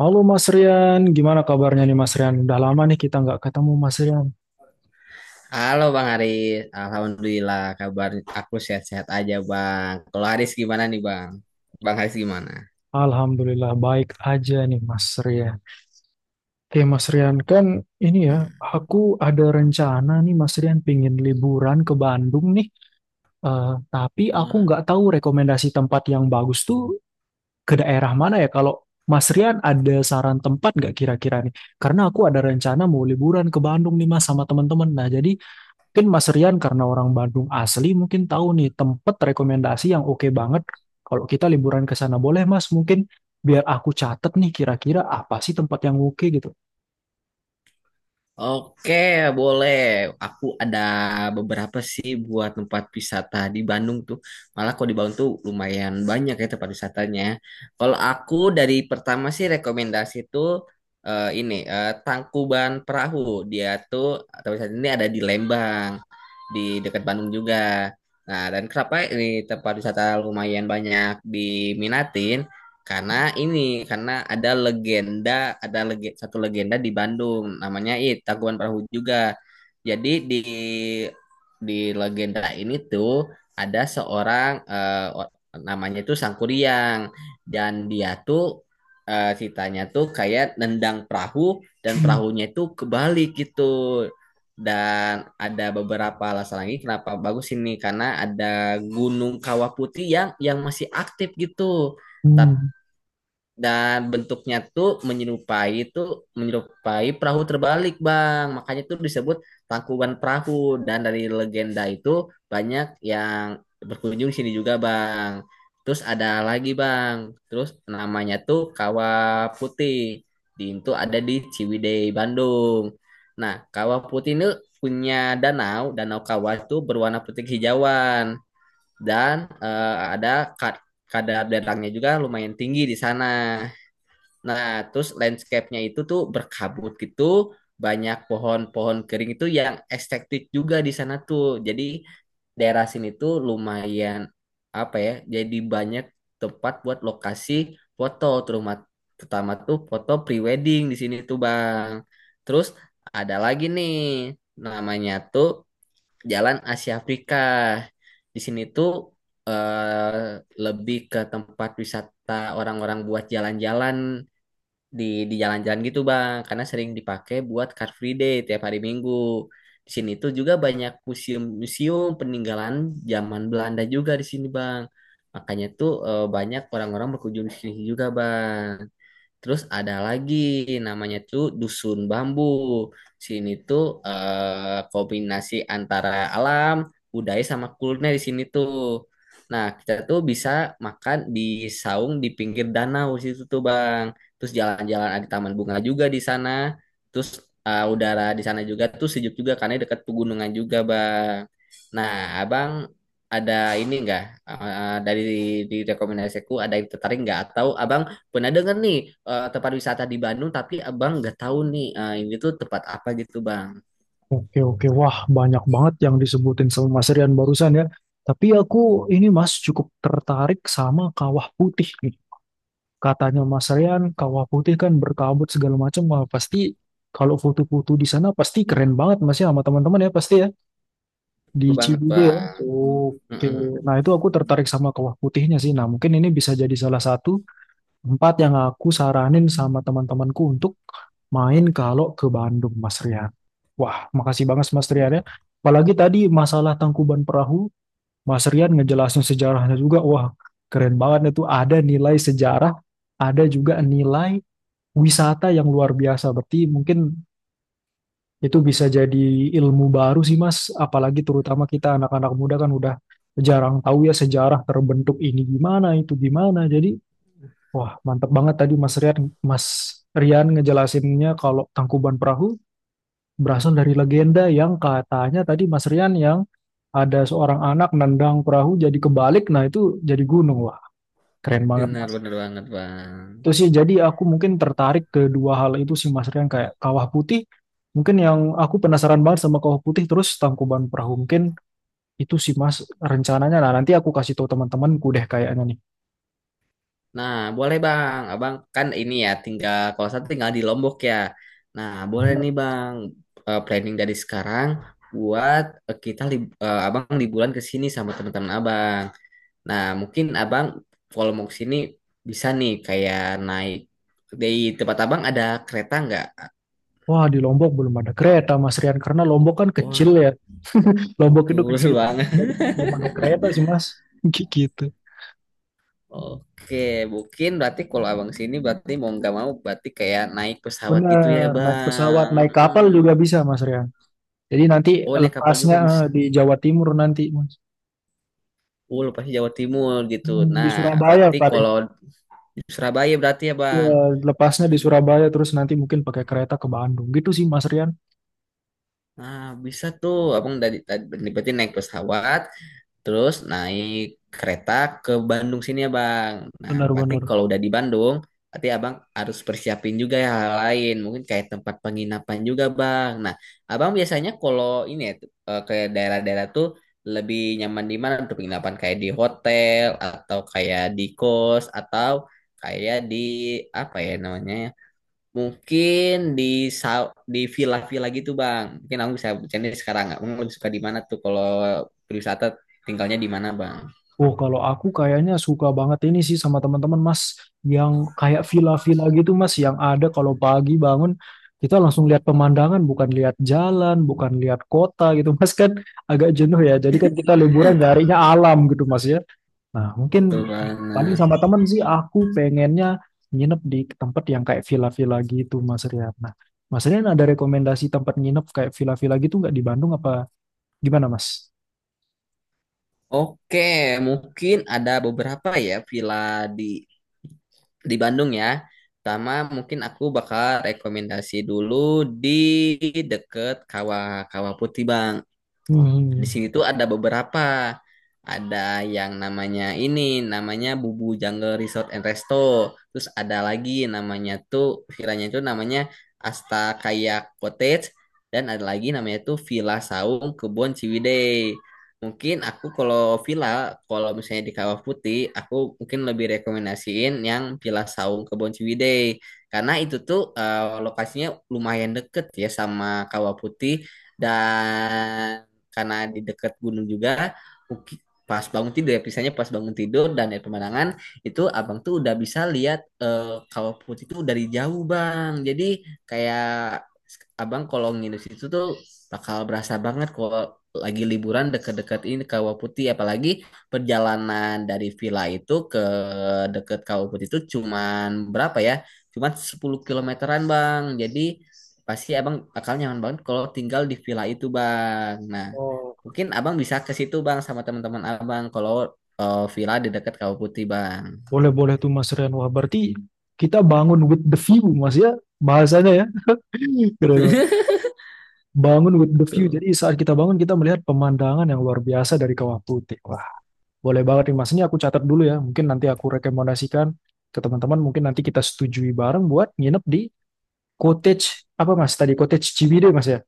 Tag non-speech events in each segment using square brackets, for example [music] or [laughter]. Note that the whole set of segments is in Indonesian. Halo Mas Rian, gimana kabarnya nih Mas Rian? Udah lama nih kita nggak ketemu Mas Rian. Halo Bang Haris, Alhamdulillah kabar aku sehat-sehat aja Bang. Kalau Haris gimana nih Bang? Bang Haris gimana? Alhamdulillah baik aja nih Mas Rian. Oke Mas Rian, kan ini ya, aku ada rencana nih Mas Rian pingin liburan ke Bandung nih. Eh, tapi aku nggak Hmm. tahu rekomendasi tempat yang bagus tuh ke daerah mana ya. Kalau Mas Rian ada saran tempat nggak kira-kira nih? Karena aku ada rencana mau liburan ke Bandung nih Mas sama teman-teman. Nah jadi mungkin Mas Rian karena orang Bandung asli mungkin tahu nih tempat rekomendasi yang oke banget kalau kita liburan ke sana. Boleh Mas mungkin biar aku catet nih kira-kira apa sih tempat yang oke gitu. Oke, boleh. Aku ada beberapa sih buat tempat wisata di Bandung tuh. Malah kalau di Bandung tuh lumayan banyak ya tempat wisatanya. Kalau aku dari pertama sih rekomendasi tuh ini Tangkuban Perahu. Dia tuh tempat wisata ini ada di Lembang, di dekat Bandung juga. Nah, dan kenapa ini tempat wisata lumayan banyak diminatin? Karena ada legenda, satu legenda di Bandung, namanya itu Tangkuban Perahu juga. Jadi di legenda ini tuh ada seorang namanya tuh Sangkuriang, dan dia tuh ceritanya tuh kayak nendang perahu dan Hmm, perahunya itu kebalik gitu. Dan ada beberapa alasan lagi kenapa bagus ini karena ada Gunung Kawah Putih yang masih aktif gitu. Tapi hmm. dan bentuknya tuh menyerupai perahu terbalik, Bang. Makanya tuh disebut Tangkuban Perahu, dan dari legenda itu banyak yang berkunjung sini juga, Bang. Terus ada lagi, Bang. Terus namanya tuh Kawah Putih, itu ada di Ciwidey Bandung. Nah, Kawah Putih ini punya danau, danau kawah itu berwarna putih hijauan. Dan ada kad kadar datangnya juga lumayan tinggi di sana. Nah, terus landscape-nya itu tuh berkabut gitu, banyak pohon-pohon kering itu yang estetik juga di sana tuh. Jadi daerah sini tuh lumayan, apa ya? Jadi banyak tempat buat lokasi foto, terutama pertama tuh foto pre-wedding di sini tuh, Bang. Terus ada lagi nih, namanya tuh Jalan Asia Afrika. Di sini tuh eh, lebih ke tempat wisata orang-orang buat jalan-jalan di jalan-jalan gitu, Bang, karena sering dipakai buat Car Free Day tiap hari Minggu. Di sini tuh juga banyak museum-museum peninggalan zaman Belanda juga di sini, Bang. Makanya tuh banyak orang-orang berkunjung di sini juga, Bang. Terus ada lagi namanya tuh Dusun Bambu. Sini tuh kombinasi antara alam, budaya sama kuliner di sini tuh. Nah, kita tuh bisa makan di saung di pinggir danau situ tuh, Bang. Terus jalan-jalan ada taman bunga juga di sana. Terus udara di sana juga tuh sejuk juga karena dekat pegunungan juga, Bang. Nah, Abang ada ini enggak, dari dari rekomendasiku ada yang tertarik nggak, atau Abang pernah denger nih tempat wisata di Bandung, tapi abang nggak tahu nih ini tuh tempat apa gitu, Bang? Oke, oke. Wah, banyak banget yang disebutin sama Mas Rian barusan ya. Tapi aku ini Mas cukup tertarik sama Kawah Putih nih. Katanya Mas Rian, Kawah Putih kan berkabut segala macam. Wah, pasti kalau foto-foto di sana pasti keren banget Mas ya sama teman-teman ya pasti ya. Betul Di banget, Ciwidey ya. Bang. Oke. Mm-mm, Nah, itu aku tertarik sama kawah putihnya sih. Nah, mungkin ini bisa jadi salah satu tempat yang aku saranin sama teman-temanku untuk main kalau ke Bandung, Mas Rian. Wah, makasih banget Mas tuh. Rian ya. Apalagi tadi masalah Tangkuban Perahu, Mas Rian ngejelasin sejarahnya juga. Wah, keren banget itu. Ada nilai sejarah, ada juga nilai wisata yang luar biasa. Berarti mungkin itu bisa jadi ilmu baru sih Mas, apalagi terutama kita anak-anak muda kan udah jarang tahu ya sejarah terbentuk ini gimana, itu gimana. Jadi, wah mantep banget tadi Mas Rian, Mas Rian ngejelasinnya kalau Tangkuban Perahu berasal dari legenda yang katanya tadi Mas Rian yang ada seorang anak nendang perahu jadi kebalik, nah itu jadi gunung. Wah, keren banget Bener Mas. bener banget, Bang. Itu sih jadi aku mungkin tertarik ke dua hal itu sih Mas Rian kayak Kawah Putih. Mungkin yang aku penasaran banget sama Kawah Putih terus Tangkuban Perahu mungkin itu sih Mas rencananya. Nah, nanti aku kasih tahu teman-temanku deh kayaknya nih. Nah, boleh, Bang, abang kan ini ya tinggal, kalau saya tinggal di Lombok ya. Nah, boleh Bener. nih, Bang, planning dari sekarang buat abang liburan ke sini sama teman-teman abang. Nah, mungkin abang kalau mau ke sini bisa nih kayak naik. Di tempat abang ada kereta nggak? Wah, di Lombok belum ada kereta Mas Rian karena Lombok kan kecil ya. Lombok itu kecil Betul [laughs] Mas. banget. Jadi belum ada kereta sih Mas. [laughs] Gitu. Oke, mungkin berarti kalau abang sini berarti mau nggak mau berarti kayak naik pesawat gitu ya, Bener, naik pesawat, Bang. naik kapal juga Mm. bisa Mas Rian. Jadi nanti Oh, naik kapal lepasnya juga bisa. di Jawa Timur nanti Mas. Oh, lu pasti Jawa Timur gitu. Hmm, di Nah, Surabaya berarti paling. kalau di Surabaya berarti ya, Ya, Bang. lepasnya di Hmm. Surabaya terus nanti mungkin pakai kereta ke Bandung. Gitu sih Mas Rian. Nah, bisa tuh abang dari tadi berarti naik pesawat. Terus naik kereta ke Bandung sini ya, Bang. Nah, berarti Benar-benar. kalau udah di Bandung, berarti Abang harus persiapin juga ya hal lain. Mungkin kayak tempat penginapan juga, Bang. Nah, Abang biasanya kalau ini ya, ke daerah-daerah tuh lebih nyaman di mana untuk penginapan? Kayak di hotel, atau kayak di kos, atau kayak di apa ya namanya? Mungkin di di villa-villa gitu, Bang. Mungkin aku bisa bercanda sekarang, nggak Abang lebih suka di mana tuh kalau berwisata tinggalnya di mana, Bang? Oh, kalau aku kayaknya suka banget ini sih sama teman-teman Mas yang kayak villa-villa gitu Mas yang ada kalau pagi bangun kita langsung lihat pemandangan, bukan lihat jalan, bukan lihat kota gitu Mas kan agak jenuh ya. Jadi kan kita liburan nyarinya alam gitu Mas ya. Nah, mungkin Betul paling banget. sama temen sih aku pengennya nginep di tempat yang kayak villa-villa gitu, Mas Rian. Nah, Mas Rian ada rekomendasi tempat nginep kayak villa-villa gitu nggak di Bandung apa gimana, Mas? Oke, mungkin ada beberapa ya villa di Bandung ya. Pertama mungkin aku bakal rekomendasi dulu di deket Kawah Kawah Putih, Bang. Hmm. Di sini tuh ada beberapa. Ada yang namanya Bubu Jungle Resort and Resto. Terus ada lagi namanya tuh villanya itu namanya Asta Kayak Cottage, dan ada lagi namanya tuh Villa Saung Kebon Ciwidey. Mungkin aku kalau villa, kalau misalnya di Kawah Putih, aku mungkin lebih rekomendasiin yang Villa Saung Kebon Ciwidey. Karena itu tuh lokasinya lumayan deket ya sama Kawah Putih, dan karena di dekat gunung juga pas bangun tidur ya pisahnya pas bangun tidur dan dari pemandangan itu abang tuh udah bisa lihat Kawah Putih itu dari jauh, Bang. Jadi kayak abang kalau nginep situ tuh bakal berasa banget kalau lagi liburan deket-deket ini Kawah Putih, apalagi perjalanan dari villa itu ke deket Kawah Putih itu cuman berapa ya, cuman 10 kilometeran, Bang. Jadi pasti abang bakal nyaman banget kalau tinggal di villa itu, Bang. Nah, Oh, mungkin abang bisa ke situ, Bang, sama teman-teman abang kalau villa di dekat Kawah Putih, Bang. boleh-boleh tuh Mas Rian. Wah, berarti kita bangun with the view, Mas ya bahasanya ya. [laughs] Keren. Mas. Bangun with the view. Betul. Jadi saat kita bangun kita melihat pemandangan yang luar biasa dari Kawah Putih. Boleh banget nih Mas, ini aku catat dulu ya. Mungkin nanti aku rekomendasikan ke teman-teman, mungkin nanti kita setujui bareng buat nginep di cottage, apa Mas, tadi cottage Ciwidey Mas ya?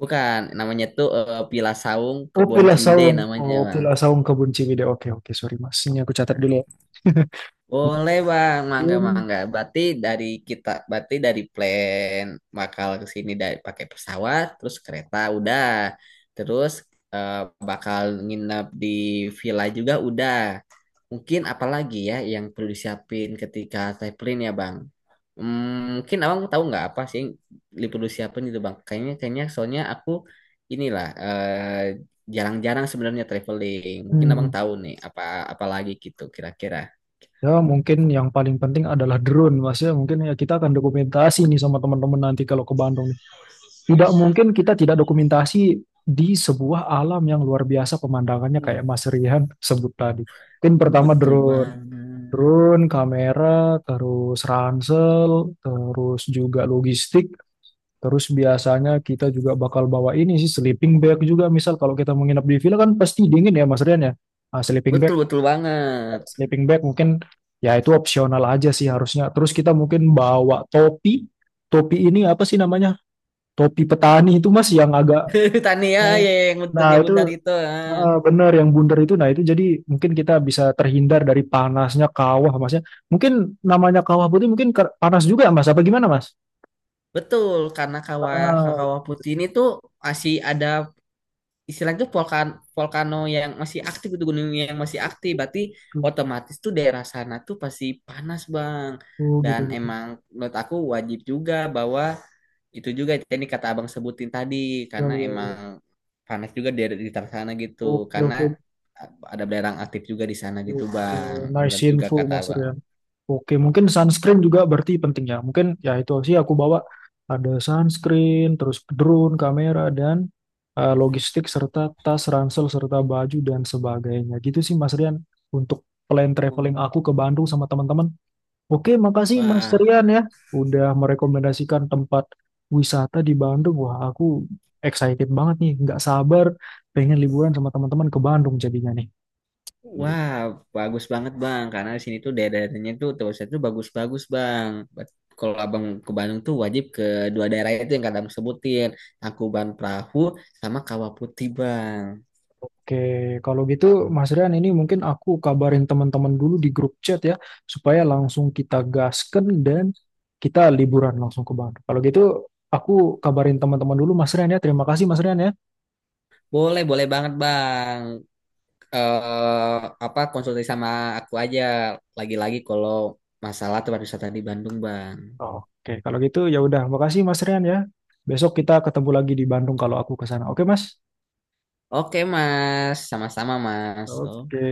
Bukan, namanya tuh Villa Saung Oh, Kebon Villa Ciwidey Saung. namanya, Oh, Bang. Villa Saung Kebun Ciwidey. Oke, oke, sorry Mas. Ini aku catat dulu ya. [laughs] Boleh, Bang, mangga Itu, mangga. Berarti dari kita, berarti dari plan bakal ke sini dari pakai pesawat, terus kereta udah, terus eh, bakal nginep di villa juga udah. Mungkin apalagi ya yang perlu disiapin ketika traveling ya, Bang? Mungkin abang tahu nggak apa sih liposuction apa gitu, Bang? Kayaknya kayaknya soalnya aku inilah jarang-jarang sebenarnya traveling. Mungkin abang hmm, tahu nih apa apa lagi gitu kira-kira. ya mungkin yang paling penting adalah drone Mas ya. Mungkin ya kita akan dokumentasi nih sama teman-teman nanti kalau ke Bandung nih. Tidak mungkin kita tidak dokumentasi di sebuah alam yang luar biasa pemandangannya kayak Mas Rihan sebut tadi. Mungkin pertama Betul drone. banget. Drone, kamera, terus ransel, terus juga logistik, terus biasanya kita juga bakal bawa ini sih sleeping bag juga. Misal kalau kita menginap di villa kan pasti dingin ya Mas Rian ya. Nah, sleeping bag, Betul betul banget. sleeping bag mungkin ya itu opsional aja sih harusnya. Terus kita mungkin bawa topi. Topi ini apa sih namanya? Topi petani itu Mas yang agak. [laughs] Tania Oh. ya ya, yang Nah, bentuknya itu bundar itu. Ah. heeh, bener yang bundar itu nah itu jadi mungkin kita bisa terhindar dari panasnya kawah mas ya mungkin namanya kawah putih mungkin panas juga mas apa gimana mas Betul, karena kawah ah kawah putih ini tuh masih ada istilahnya tuh volcano yang masih aktif, itu gunung yang masih aktif berarti gitu otomatis tuh daerah sana tuh pasti panas, Bang. gitu Dan gitu emang menurut aku wajib juga bahwa itu juga ini kata abang sebutin tadi, ya, karena ya, emang ya. panas juga di daerah sana gitu Oke, karena oke. ada belerang aktif juga di sana gitu, Oke, Bang. nice Benar juga info kata Mas abang. Rian. Oke, mungkin sunscreen juga berarti penting ya. Mungkin ya itu sih aku bawa ada sunscreen, terus drone, kamera dan logistik serta tas, ransel serta baju dan sebagainya. Gitu sih Mas Rian untuk plan traveling Oh. aku ke Bandung sama teman-teman. Oke, makasih Mas wah Rian ya udah merekomendasikan tempat wisata di Bandung. Wah, aku excited banget nih, nggak sabar pengen liburan sama teman-teman ke Bandung jadinya nih. Wah, bagus banget, Bang, karena di sini tuh daerah-daerahnya tuh terusnya tuh bagus-bagus, Bang. Kalau Abang ke Bandung tuh wajib ke dua daerah itu yang kadang sebutin, Tangkuban Perahu sama Kawah Putih, Bang. Oke, kalau gitu Mas Rian ini mungkin aku kabarin teman-teman dulu di grup chat ya, supaya langsung kita gasken dan kita liburan langsung ke Bandung. Kalau gitu aku kabarin teman-teman dulu Mas Rian ya. Terima kasih Mas Rian ya. Boleh, boleh banget, Bang. Eh apa konsultasi sama aku aja lagi-lagi kalau masalah tempat wisata di Bandung, Bang. Oke, kalau gitu ya udah, makasih Mas Rian ya. Besok kita ketemu lagi di Bandung kalau aku ke sana. Oke, Mas? Oke Mas, sama-sama Mas. Oke.